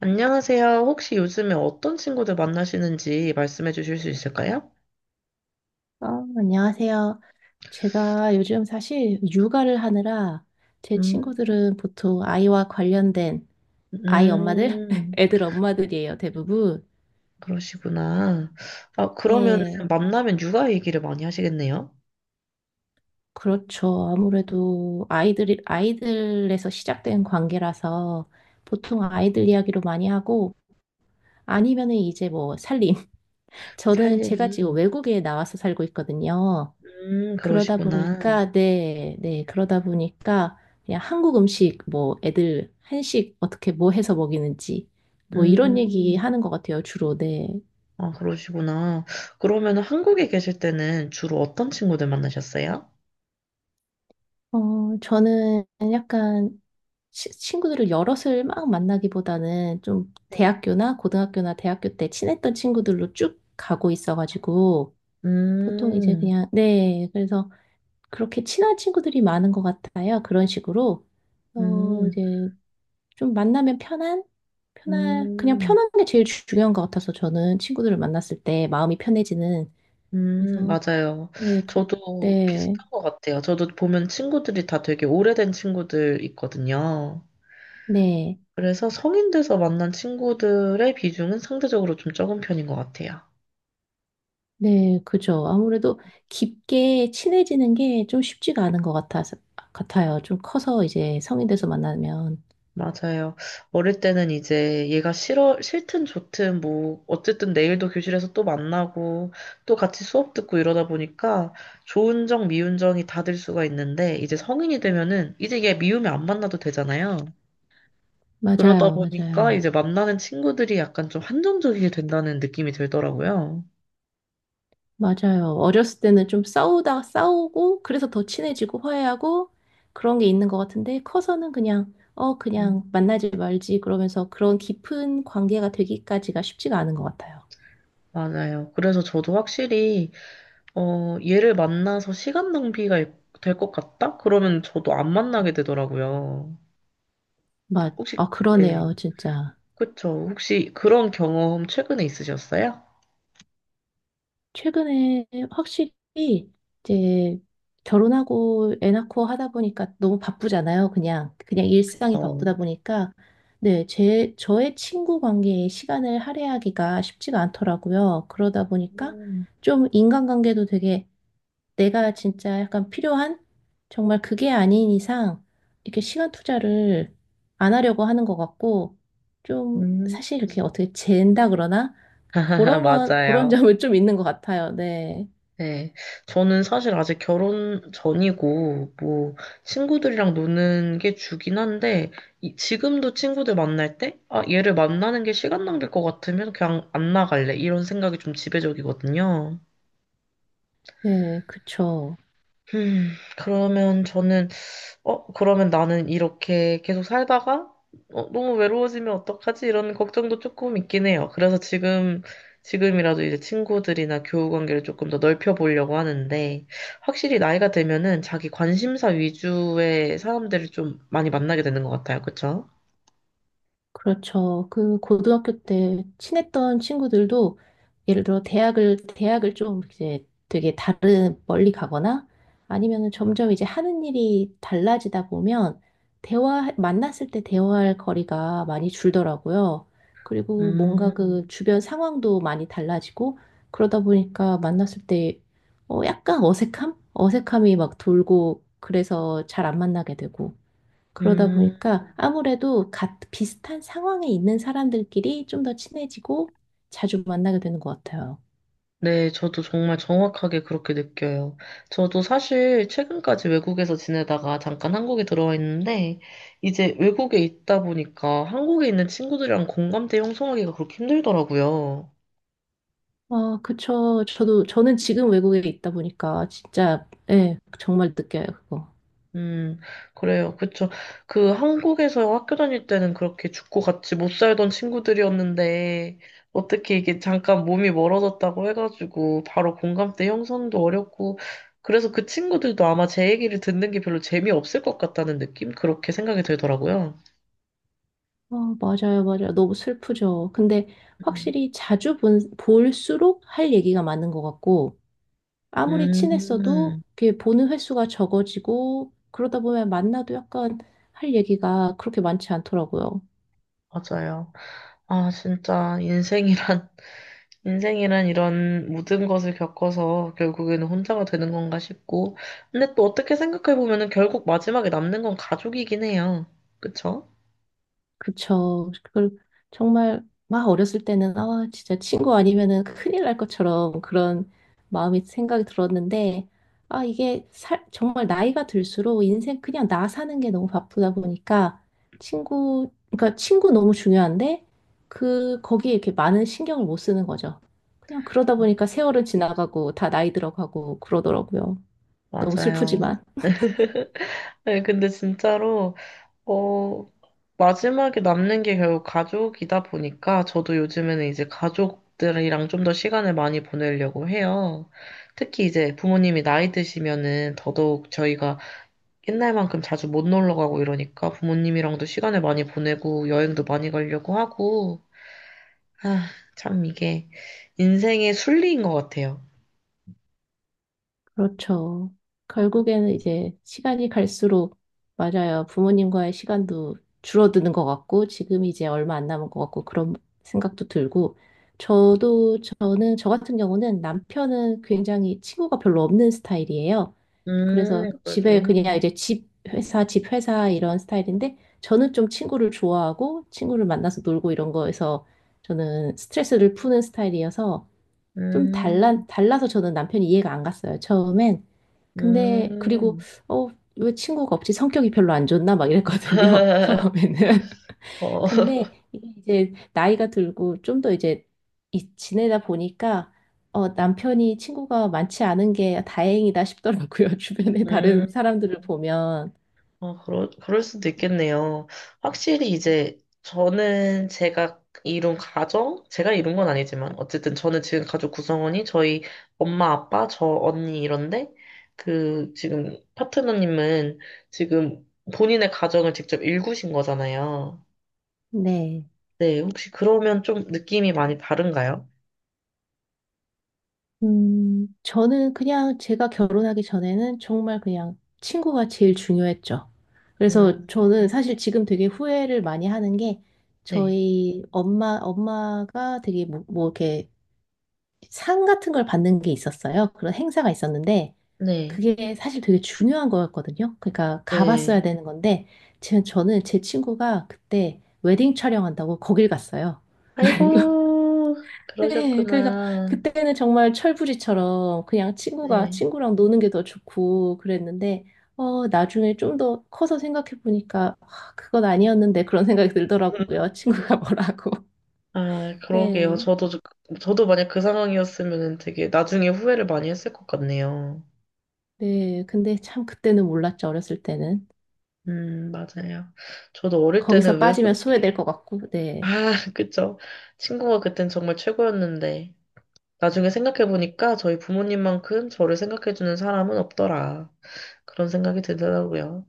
안녕하세요. 혹시 요즘에 어떤 친구들 만나시는지 말씀해 주실 수 있을까요? 어, 안녕하세요. 제가 요즘 사실 육아를 하느라 제 음, 친구들은 보통 아이와 관련된 아이 엄마들, 음, 애들 엄마들이에요, 대부분. 그러시구나. 아, 그러면 네, 만나면 육아 얘기를 많이 하시겠네요? 그렇죠. 아무래도 아이들에서 시작된 관계라서 보통 아이들 이야기로 많이 하고 아니면은 이제 뭐 살림. 저는 제가 지금 살림. 외국에 나와서 살고 있거든요. 그러시구나. 네, 네, 그러다 보니까, 그냥 한국 음식, 뭐, 애들, 한식, 어떻게, 뭐 해서 먹이는지, 뭐, 이런 얘기 음, 하는 것 같아요, 주로, 네. 아, 그러시구나. 그러면 한국에 계실 때는 주로 어떤 친구들 만나셨어요? 저는 약간, 친구들을 여럿을 막 만나기보다는 좀 네. 대학교나 고등학교나 대학교 때 친했던 친구들로 쭉 가고 있어가지고, 보통 이제 음, 그냥, 네, 그래서 그렇게 친한 친구들이 많은 것 같아요, 그런 식으로. 음, 이제 좀 만나면 편한? 편한, 그냥 음. 편한 게 제일 중요한 것 같아서 저는 친구들을 만났을 때 마음이 편해지는. 그래서, 맞아요. 네, 그, 저도 네, 비슷한 것 같아요. 저도 보면 친구들이 다 되게 오래된 친구들 있거든요. 네, 그래서 성인 돼서 만난 친구들의 비중은 상대적으로 좀 적은 편인 것 같아요. 네, 그죠. 아무래도 깊게 친해지는 게 좀 쉽지가 않은 것 같아요. 좀 커서 이제 성인 돼서 만나면. 맞아요. 어릴 때는 이제 얘가 싫어, 싫든 좋든 뭐, 어쨌든 내일도 교실에서 또 만나고, 또 같이 수업 듣고 이러다 보니까 좋은 정, 미운 정이 다 들 수가 있는데, 이제 성인이 되면은, 이제 얘 미우면 안 만나도 되잖아요. 그러다 맞아요, 보니까 맞아요. 이제 만나는 친구들이 약간 좀 한정적이게 된다는 느낌이 들더라고요. 맞아요. 어렸을 때는 좀 싸우다 싸우고 그래서 더 친해지고 화해하고 그런 게 있는 것 같은데 커서는 그냥 음, 그냥 만나지 말지 그러면서 그런 깊은 관계가 되기까지가 쉽지가 않은 것 같아요. 맞아요. 그래서 저도 확실히, 어, 얘를 만나서 시간 낭비가 될 것 같다? 그러면 저도 안 만나게 음. 되더라고요. 맞. 혹시, 아 네. 그러네요, 진짜. 그쵸. 혹시 그런 경험 최근에 있으셨어요? 최근에 확실히 이제 결혼하고 애 낳고 하다 보니까 너무 바쁘잖아요. 그냥 일상이 어. 바쁘다 보니까, 네, 제 저의 친구 관계에 시간을 할애하기가 쉽지가 않더라고요. 그러다 보니까 음, 좀 인간관계도 되게 내가 진짜 약간 필요한 정말 그게 아닌 이상 이렇게 시간 투자를 안 하려고 하는 것 같고 좀 음. 사실 이렇게 어떻게 잰다 그러나 그런 맞아요. 점은 좀 있는 것 같아요. 네, 네, 저는 사실 아직 결혼 전이고, 뭐, 친구들이랑 노는 게 주긴 한데, 지금도 친구들 만날 때, 아, 얘를 만나는 게 시간 낭비일 것 같으면 그냥 안 나갈래. 이런 생각이 좀 지배적이거든요. 네, 그쵸. 음, 그러면 저는 어, 그러면 나는 이렇게 계속 살다가 어, 너무 외로워지면 어떡하지? 이런 걱정도 조금 있긴 해요. 그래서 지금이라도 이제 친구들이나 교우 관계를 조금 더 넓혀 보려고 하는데 확실히 나이가 되면은 자기 관심사 위주의 사람들을 좀 많이 만나게 되는 것 같아요. 그쵸? 그렇죠. 그 고등학교 때 친했던 친구들도 예를 들어 대학을 좀 이제 되게 다른 멀리 가거나 아니면은 점점 이제 하는 일이 달라지다 보면 대화 만났을 때 대화할 거리가 많이 줄더라고요. 그리고 뭔가 그 음, 주변 상황도 많이 달라지고 그러다 보니까 만났을 때, 약간 어색함? 어색함이 막 돌고 그래서 잘 안 만나게 되고 그러다 음. 보니까 아무래도 비슷한 상황에 있는 사람들끼리 좀 더 친해지고 자주 만나게 되는 것 같아요. 네, 저도 정말 정확하게 그렇게 느껴요. 저도 사실 최근까지 외국에서 지내다가 잠깐 한국에 들어와 있는데, 이제 외국에 있다 보니까 한국에 있는 친구들이랑 공감대 형성하기가 그렇게 힘들더라고요. 아, 그쵸. 저는 지금 외국에 있다 보니까 진짜, 예, 정말 느껴요, 그거. 음, 그래요. 그쵸. 그 한국에서 학교 다닐 때는 그렇게 죽고 같이 못 살던 친구들이었는데, 어떻게 이게 잠깐 몸이 멀어졌다고 해가지고, 바로 공감대 형성도 어렵고, 그래서 그 친구들도 아마 제 얘기를 듣는 게 별로 재미없을 것 같다는 느낌? 그렇게 생각이 들더라고요. 아, 맞아요, 맞아요. 너무 슬프죠. 근데 음, 확실히 자주 볼수록 할 얘기가 많은 것 같고, 아무리 친했어도 음, 그게 보는 횟수가 적어지고, 그러다 보면 만나도 약간 할 얘기가 그렇게 많지 않더라고요. 맞아요. 아, 진짜 인생이란 이런 모든 것을 겪어서 결국에는 혼자가 되는 건가 싶고, 근데 또 어떻게 생각해보면은 결국 마지막에 남는 건 가족이긴 해요. 그쵸? 그쵸. 그걸 정말 막 어렸을 때는 아 진짜 친구 아니면은 큰일 날 것처럼 그런 마음이 생각이 들었는데 아 이게 정말 나이가 들수록 인생 그냥 나 사는 게 너무 바쁘다 보니까 친구 그러니까 친구 너무 중요한데 그 거기에 이렇게 많은 신경을 못 쓰는 거죠. 그냥 그러다 보니까 세월은 지나가고 다 나이 들어가고 그러더라고요. 너무 맞아요. 슬프지만. 네, 근데 진짜로, 어, 마지막에 남는 게 결국 가족이다 보니까 저도 요즘에는 이제 가족들이랑 좀 더 시간을 많이 보내려고 해요. 특히 이제 부모님이 나이 드시면은 더더욱 저희가 옛날만큼 자주 못 놀러 가고 이러니까 부모님이랑도 시간을 많이 보내고 여행도 많이 가려고 하고, 아, 참 이게 인생의 순리인 것 같아요. 그렇죠. 결국에는 이제 시간이 갈수록, 맞아요, 부모님과의 시간도 줄어드는 것 같고 지금 이제 얼마 안 남은 것 같고 그런 생각도 들고. 저도 저는 저 같은 경우는 남편은 굉장히 친구가 별로 없는 스타일이에요. 그래서 집에 그러시군요. 그냥 이제 집 회사 집 회사 이런 스타일인데 저는 좀 친구를 좋아하고 친구를 만나서 놀고 이런 거에서 저는 스트레스를 푸는 스타일이어서 좀 음, 달라서 저는 남편이 이해가 안 갔어요, 처음엔. 근데 그리고 음. 어, 왜 친구가 없지? 성격이 별로 안 좋나? 막 이랬거든요. 처음에는. 어, 근데 이게 이제 나이가 들고 좀 더 이제 지내다 보니까, 남편이 친구가 많지 않은 게 다행이다 싶더라고요. 주변에 다른 음. 사람들을 보면. 어, 그럴 수도 있겠네요. 확실히 이제 저는 제가 이룬 가정, 제가 이룬 건 아니지만, 어쨌든 저는 지금 가족 구성원이 저희 엄마, 아빠, 저 언니 이런데, 그 지금 파트너님은 지금 본인의 가정을 직접 일구신 거잖아요. 네. 네, 혹시 그러면 좀 느낌이 많이 다른가요? 저는 그냥 제가 결혼하기 전에는 정말 그냥 친구가 제일 중요했죠. 그래서 음, 저는 사실 지금 되게 후회를 많이 하는 게, 네, 저희 엄마가 되게 뭐 이렇게 상 같은 걸 받는 게 있었어요. 그런 행사가 있었는데 네, 그게 사실 되게 중요한 거였거든요. 그러니까 가봤어야 네. 되는 건데 제 친구가 그때 웨딩 촬영한다고 거길 갔어요. 아이고, 네, 그래서 그러셨구나. 그때는 정말 철부지처럼 그냥 친구가 네. 친구랑 노는 게 더 좋고 그랬는데, 나중에 좀 더 커서 생각해 보니까 아, 그건 아니었는데 그런 생각이 들더라고요. 친구가 뭐라고. 아, 그러게요. 네, 저도 만약 그 상황이었으면 되게 나중에 후회를 많이 했을 것 같네요. 네. 근데 참 그때는 몰랐죠. 어렸을 때는. 맞아요. 저도 어릴 때는 거기서 왜 빠지면 그렇게, 소외될 것 같고. 아, 네, 그쵸. 친구가 그땐 정말 최고였는데, 나중에 생각해보니까 저희 부모님만큼 저를 생각해주는 사람은 없더라. 그런 생각이 들더라고요.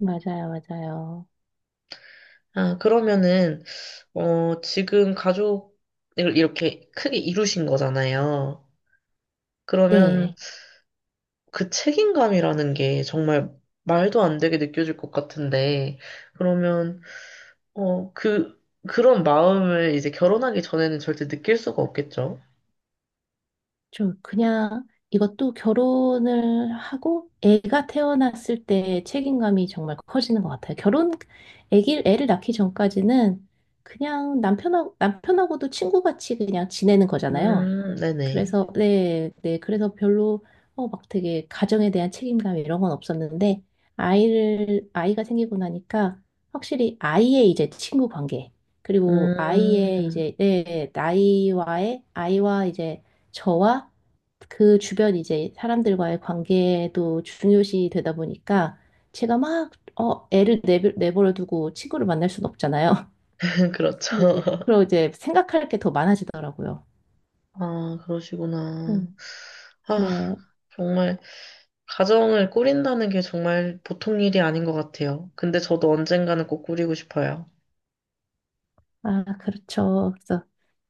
맞아요, 맞아요. 아, 그러면은, 어, 지금 가족을 이렇게 크게 이루신 거잖아요. 그러면, 네. 그 책임감이라는 게 정말 말도 안 되게 느껴질 것 같은데, 그러면, 어, 그, 그런 마음을 이제 결혼하기 전에는 절대 느낄 수가 없겠죠? 저 그냥 이것도 결혼을 하고 애가 태어났을 때 책임감이 정말 커지는 것 같아요. 애를 낳기 전까지는 그냥 남편하고도 친구같이 그냥 지내는 거잖아요. 네네. 그래서 네, 네. 그래서 별로 막 되게 가정에 대한 책임감 이런 건 없었는데 아이를 아이가 생기고 나니까 확실히 아이의 이제 친구 관계 그리고 아이의 음, 이제, 네, 나이와의 아이와 이제 저와 그 주변 이제 사람들과의 관계도 중요시 되다 보니까 제가 막 애를 내버려 두고 친구를 만날 순 없잖아요. 근데 이제 그렇죠. 그리고 이제 생각할 게 더 많아지더라고요. 아, 그러시구나. 음, 아, 네. 정말, 가정을 꾸린다는 게 정말 보통 일이 아닌 것 같아요. 근데 저도 언젠가는 꼭 꾸리고 싶어요. 아, 그렇죠. 그래서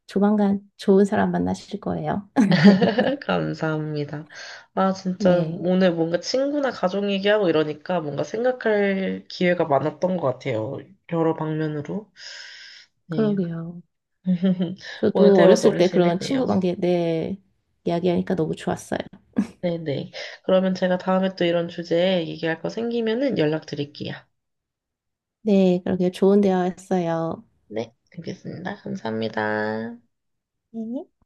조만간 좋은 사람 만나실 거예요. 감사합니다. 아, 진짜 네, 오늘 뭔가 친구나 가족 얘기하고 이러니까 뭔가 생각할 기회가 많았던 것 같아요. 여러 방면으로. 네. 그러게요. 오늘 저도 대화 어렸을 너무 때 그런 재밌네요. 친구 관계, 네, 이야기하니까 너무 좋았어요. 네네. 그러면 제가 다음에 또 이런 주제에 얘기할 거 생기면은 연락드릴게요. 네, 그러게요. 좋은 대화였어요. 네, 알겠습니다. 감사합니다. 네.